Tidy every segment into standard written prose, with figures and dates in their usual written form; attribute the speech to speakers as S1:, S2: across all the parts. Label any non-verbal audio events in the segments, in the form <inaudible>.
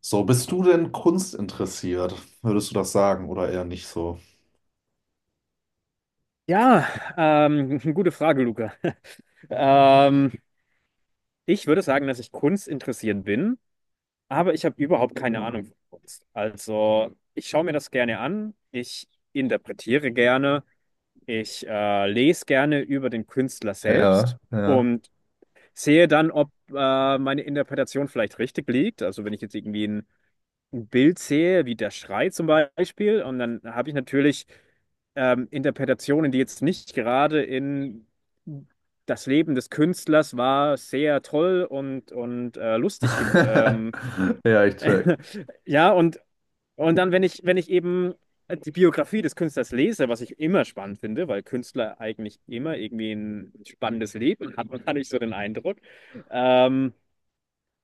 S1: So, bist du denn kunstinteressiert? Würdest du das sagen oder eher nicht so?
S2: Ja, <laughs> gute Frage, Luca. <laughs> Ähm, ich würde sagen, dass ich Kunst interessiert bin, aber ich habe überhaupt keine Ahnung von Kunst. Also, ich schaue mir das gerne an, ich interpretiere gerne, ich lese gerne über den Künstler selbst
S1: Ja, ja.
S2: und sehe dann, ob meine Interpretation vielleicht richtig liegt. Also, wenn ich jetzt irgendwie ein Bild sehe, wie der Schrei zum Beispiel, und dann habe ich natürlich Interpretationen, die jetzt nicht gerade in das Leben des Künstlers war sehr toll und lustig.
S1: <laughs> Ja, ich check.
S2: <laughs> Ja, und dann, wenn ich eben die Biografie des Künstlers lese, was ich immer spannend finde, weil Künstler eigentlich immer irgendwie ein spannendes Leben hatten, <laughs> hatte ich so den Eindruck. Ähm,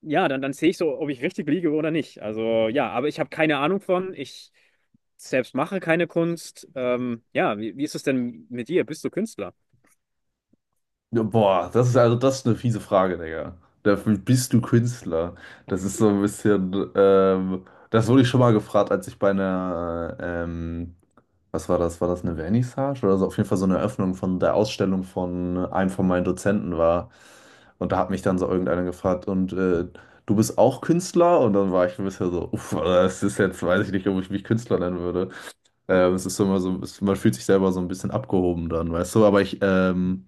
S2: ja, dann sehe ich so, ob ich richtig liege oder nicht. Also ja, aber ich habe keine Ahnung von. Ich selbst mache keine Kunst. Ja, wie ist es denn mit dir? Bist du Künstler?
S1: Ja, boah, das ist eine fiese Frage, Digga. Dafür bist du Künstler. Das ist so ein bisschen, das wurde ich schon mal gefragt, als ich bei einer was war das? War das eine Vernissage? Oder so, auf jeden Fall so eine Eröffnung von der Ausstellung von einem von meinen Dozenten war. Und da hat mich dann so irgendeiner gefragt, und du bist auch Künstler? Und dann war ich ein bisschen so, uff, Alter, das ist jetzt, weiß ich nicht, ob ich mich Künstler nennen würde. Es ist so immer so, man fühlt sich selber so ein bisschen abgehoben dann, weißt du? Aber ich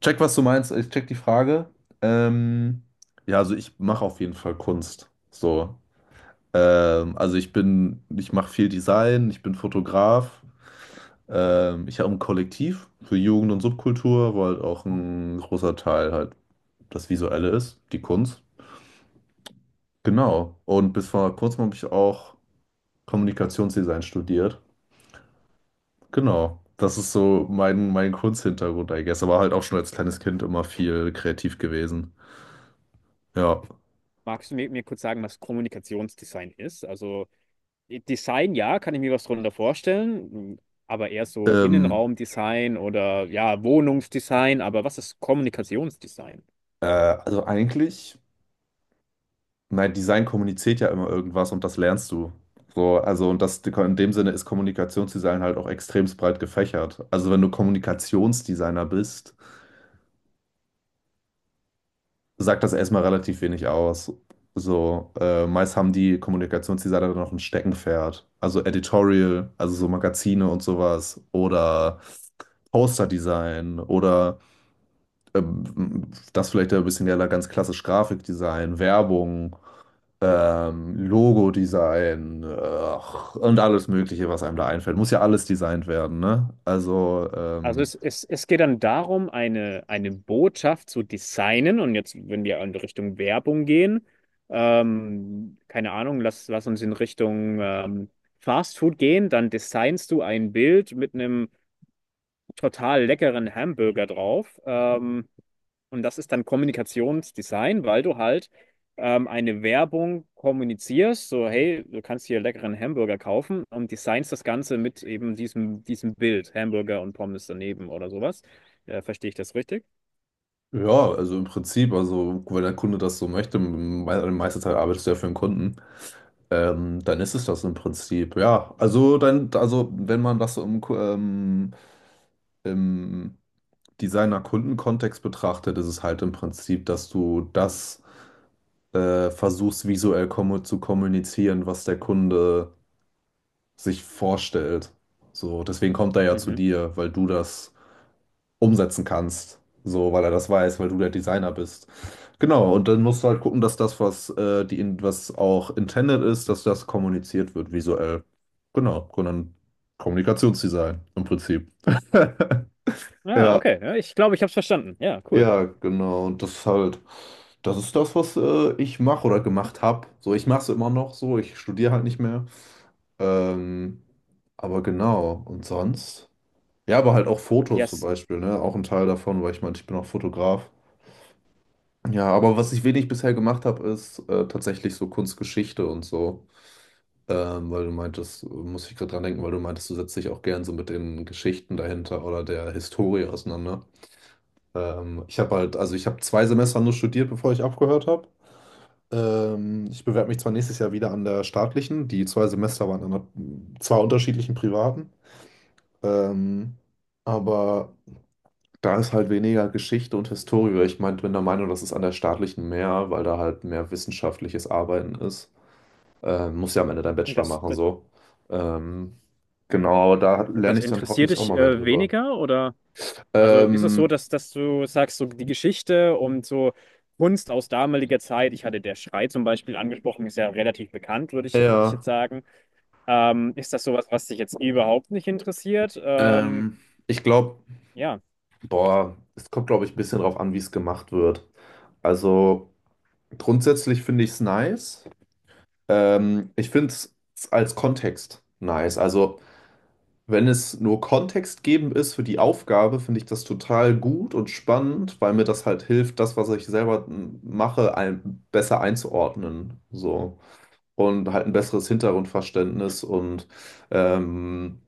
S1: check, was du meinst, ich check die Frage. Ähm, ja, also ich mache auf jeden Fall Kunst. So, ich mache viel Design, ich bin Fotograf. Ich habe ein Kollektiv für Jugend und Subkultur, wo halt auch ein großer Teil halt das Visuelle ist, die Kunst. Genau. Und bis vor kurzem habe ich auch Kommunikationsdesign studiert. Genau. Das ist so mein Kunsthintergrund, I guess. Aber halt auch schon als kleines Kind immer viel kreativ gewesen. Ja.
S2: Magst du mir kurz sagen, was Kommunikationsdesign ist? Also Design, ja, kann ich mir was drunter vorstellen, aber eher so
S1: Ähm,
S2: Innenraumdesign oder ja, Wohnungsdesign. Aber was ist Kommunikationsdesign?
S1: also eigentlich. Nein, Design kommuniziert ja immer irgendwas und das lernst du. So, also und das in dem Sinne ist Kommunikationsdesign halt auch extremst breit gefächert. Also wenn du Kommunikationsdesigner bist, sagt das erstmal relativ wenig aus. So, meist haben die Kommunikationsdesigner dann noch ein Steckenpferd. Also Editorial, also so Magazine und sowas oder Posterdesign oder das vielleicht ja ein bisschen, ja, ganz klassisch Grafikdesign, Werbung. Ähm, Logo-Design, ach, und alles Mögliche, was einem da einfällt. Muss ja alles designt werden, ne? Also,
S2: Also es geht dann darum, eine Botschaft zu designen. Und jetzt, wenn wir in Richtung Werbung gehen, keine Ahnung, lass uns in Richtung Fast Food gehen, dann designst du ein Bild mit einem total leckeren Hamburger drauf. Und das ist dann Kommunikationsdesign, weil du halt eine Werbung kommunizierst, so hey, du kannst hier leckeren Hamburger kaufen und designst das Ganze mit eben diesem Bild, Hamburger und Pommes daneben oder sowas. Verstehe ich das richtig?
S1: ja, also im Prinzip, also wenn der Kunde das so möchte, me meiste Zeit arbeitest du ja für den Kunden, dann ist es das im Prinzip, ja. Also dann, also wenn man das so im, im Designer-Kunden-Kontext betrachtet, ist es halt im Prinzip, dass du das versuchst visuell kommu zu kommunizieren, was der Kunde sich vorstellt. So, deswegen kommt er ja zu
S2: Mhm.
S1: dir, weil du das umsetzen kannst. So, weil er das weiß, weil du der Designer bist. Genau, und dann musst du halt gucken, dass das, was auch intended ist, dass das kommuniziert wird visuell. Genau, und dann Kommunikationsdesign im Prinzip. <laughs>
S2: Ja, okay. Ja, ich glaube, ich habe es verstanden. Ja, cool.
S1: Ja, genau, und das halt, das ist das, was ich mache oder gemacht habe. So, ich mache es immer noch so, ich studiere halt nicht mehr. Ähm, aber genau, und sonst? Ja, aber halt auch Fotos zum
S2: Yes,
S1: Beispiel, ne? Auch ein Teil davon, weil ich meine, ich bin auch Fotograf. Ja, aber was ich wenig bisher gemacht habe, ist tatsächlich so Kunstgeschichte und so. Weil du meintest, muss ich gerade dran denken, weil du meintest, du setzt dich auch gern so mit den Geschichten dahinter oder der Historie auseinander. Ich habe halt, also ich habe zwei Semester nur studiert, bevor ich aufgehört habe. Ich bewerbe mich zwar nächstes Jahr wieder an der staatlichen, die zwei Semester waren an zwei unterschiedlichen privaten. Ähm, aber. Da ist halt weniger Geschichte und Historie. Ich mein, bin der Meinung, das ist an der staatlichen mehr, weil da halt mehr wissenschaftliches Arbeiten ist. Musst ja am Ende deinen Bachelor
S2: das,
S1: machen,
S2: das,
S1: so. Ähm, genau, aber da lerne
S2: das
S1: ich dann
S2: interessiert
S1: hoffentlich auch
S2: dich
S1: mal mehr drüber.
S2: weniger oder? Also ist es so,
S1: Ähm,
S2: dass du sagst, so die Geschichte und so Kunst aus damaliger Zeit, ich hatte der Schrei zum Beispiel angesprochen, ist ja relativ bekannt, würde ich
S1: ja,
S2: jetzt sagen. Ist das sowas, was dich jetzt überhaupt nicht interessiert?
S1: ähm, ich glaube,
S2: Ja,
S1: boah, es kommt, glaube ich, ein bisschen drauf an, wie es gemacht wird. Also grundsätzlich finde ich es nice. Ich finde es als Kontext nice. Also. Wenn es nur kontextgebend ist für die Aufgabe, finde ich das total gut und spannend, weil mir das halt hilft, das, was ich selber mache, besser einzuordnen. So. Und halt ein besseres Hintergrundverständnis und ähm,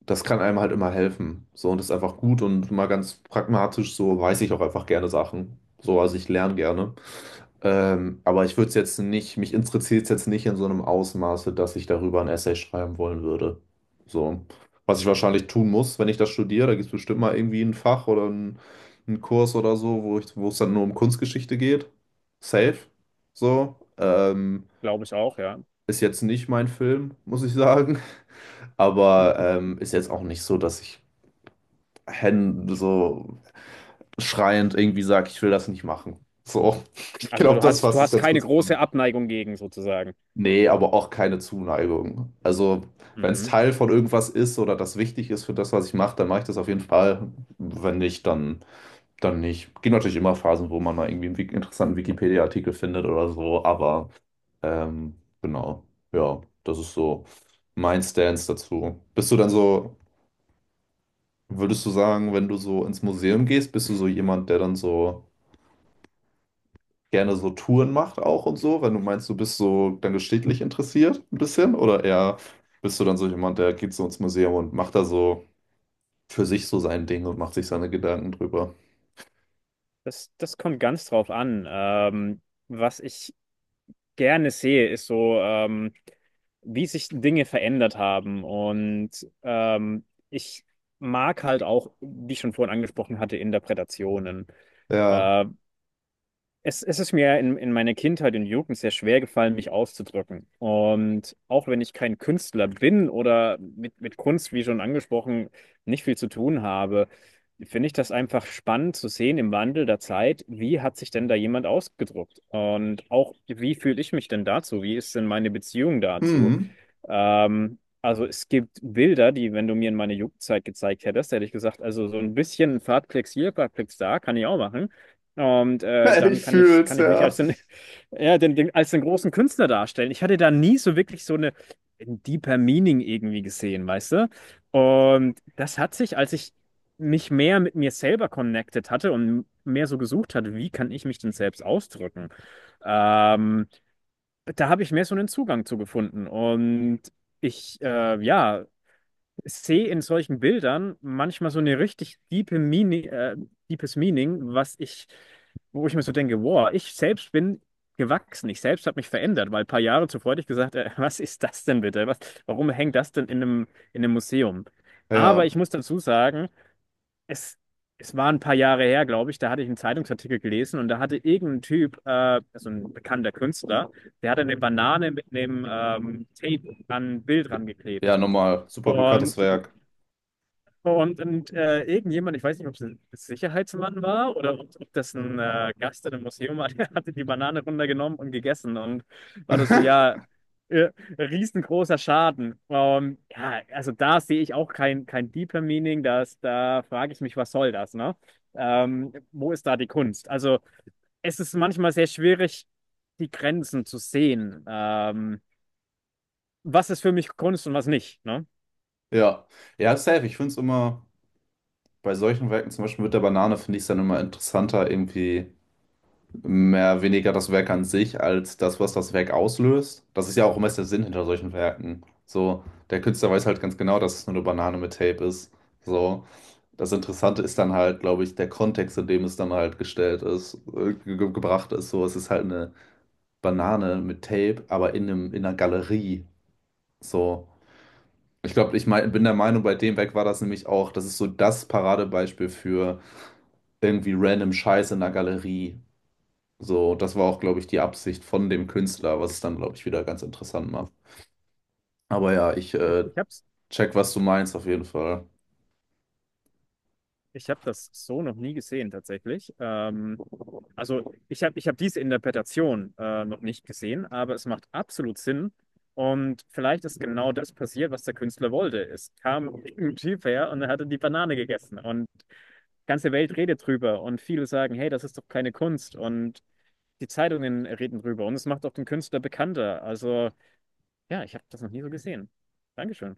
S1: das kann einem halt immer helfen. So, und das ist einfach gut und mal ganz pragmatisch, so weiß ich auch einfach gerne Sachen. So, also ich lerne gerne. Aber ich würde es jetzt nicht, mich interessiert es jetzt nicht in so einem Ausmaße, dass ich darüber ein Essay schreiben wollen würde. So, was ich wahrscheinlich tun muss, wenn ich das studiere, da gibt es bestimmt mal irgendwie ein Fach oder einen Kurs oder so, wo ich, wo es dann nur um Kunstgeschichte geht. Safe. So,
S2: glaube ich auch, ja.
S1: ist jetzt nicht mein Film, muss ich sagen. Aber ist jetzt auch nicht so, dass ich Hände so schreiend irgendwie sagt, ich will das nicht machen. So, <laughs> ich
S2: Also
S1: glaube, das
S2: du
S1: fasst es
S2: hast
S1: ganz
S2: keine
S1: gut
S2: große
S1: zusammen.
S2: Abneigung gegen sozusagen.
S1: Nee, aber auch keine Zuneigung. Also, wenn es
S2: Mhm.
S1: Teil von irgendwas ist oder das wichtig ist für das, was ich mache, dann mache ich das auf jeden Fall. Wenn nicht, dann, dann nicht. Gibt natürlich immer Phasen, wo man mal irgendwie einen interessanten Wikipedia-Artikel findet oder so, aber ähm, genau, ja, das ist so mein Stance dazu. Bist du dann so, würdest du sagen, wenn du so ins Museum gehst, bist du so jemand, der dann so gerne so Touren macht auch und so, wenn du meinst, du bist so dann geschichtlich interessiert ein bisschen, oder eher bist du dann so jemand, der geht so ins Museum und macht da so für sich so sein Ding und macht sich seine Gedanken drüber.
S2: Das, das kommt ganz drauf an. Was ich gerne sehe, ist so. Wie sich Dinge verändert haben. Und ich mag halt auch, wie ich schon vorhin angesprochen hatte, Interpretationen.
S1: Ja.
S2: Äh, es ist mir in meiner Kindheit und Jugend sehr schwer gefallen, mich auszudrücken. Und auch wenn ich kein Künstler bin oder mit Kunst, wie schon angesprochen, nicht viel zu tun habe, finde ich das einfach spannend zu sehen im Wandel der Zeit, wie hat sich denn da jemand ausgedrückt? Und auch, wie fühle ich mich denn dazu? Wie ist denn meine Beziehung dazu?
S1: Hm.
S2: Also es gibt Bilder, die, wenn du mir in meine Jugendzeit gezeigt hättest, hätte ich gesagt, also so ein bisschen Fahrtplex hier, Fahrtplex da, kann ich auch machen. Und
S1: <laughs>
S2: dann
S1: Ich fühl's,
S2: kann ich mich als
S1: ja.
S2: den, <laughs> ja, als den großen Künstler darstellen. Ich hatte da nie so wirklich so eine ein deeper Meaning irgendwie gesehen, weißt du? Und das hat sich, als ich mich mehr mit mir selber connected hatte und mehr so gesucht hatte, wie kann ich mich denn selbst ausdrücken? Ähm, da habe ich mehr so einen Zugang zu gefunden. Und ja, sehe in solchen Bildern manchmal so eine richtig diepe Meaning, deepes Meaning, wo ich mir so denke, wow, ich selbst bin gewachsen, ich selbst habe mich verändert, weil ein paar Jahre zuvor hätte ich gesagt, was ist das denn bitte? Was, warum hängt das denn in einem Museum? Aber
S1: Ja.
S2: ich muss dazu sagen, es, es war ein paar Jahre her, glaube ich, da hatte ich einen Zeitungsartikel gelesen und da hatte irgendein Typ, also ein bekannter Künstler, der hatte eine Banane mit einem Tape an ein Bild
S1: Ja,
S2: rangeklebt.
S1: nochmal, super
S2: Und
S1: bekanntes Werk.
S2: und irgendjemand, ich weiß nicht, ob es ein Sicherheitsmann war oder ob das ein Gast in einem Museum war, <laughs> der hatte die Banane runtergenommen und gegessen. Und war das so, ja,
S1: <laughs>
S2: äh, riesengroßer Schaden. Ja, also da sehe ich auch kein, kein deeper Meaning. Das, da frage ich mich, was soll das, ne? Wo ist da die Kunst? Also es ist manchmal sehr schwierig, die Grenzen zu sehen. Was ist für mich Kunst und was nicht, ne?
S1: Ja, ja, safe. Ich finde es immer bei solchen Werken, zum Beispiel mit der Banane, finde ich es dann immer interessanter, irgendwie mehr weniger das Werk an sich als das, was das Werk auslöst. Das ist ja auch meist der Sinn hinter solchen Werken. So, der Künstler weiß halt ganz genau, dass es nur eine Banane mit Tape ist. So, das Interessante ist dann halt, glaube ich, der Kontext, in dem es dann halt gestellt ist, ge gebracht ist. So, es ist halt eine Banane mit Tape, aber in einer Galerie. So. Ich glaube, ich mein, bin der Meinung, bei dem Werk war das nämlich auch, das ist so das Paradebeispiel für irgendwie random Scheiß in der Galerie. So, das war auch, glaube ich, die Absicht von dem Künstler, was es dann, glaube ich, wieder ganz interessant macht. Aber ja, ich
S2: Ich, ich habe
S1: check, was du meinst, auf jeden Fall.
S2: Ich habe das so noch nie gesehen tatsächlich. Also ich hab diese Interpretation noch nicht gesehen, aber es macht absolut Sinn. Und vielleicht ist genau das passiert, was der Künstler wollte. Es kam ein Typ her und er hatte die Banane gegessen. Und die ganze Welt redet drüber. Und viele sagen, hey, das ist doch keine Kunst. Und die Zeitungen reden drüber. Und es macht auch den Künstler bekannter. Also ja, ich habe das noch nie so gesehen. Dankeschön.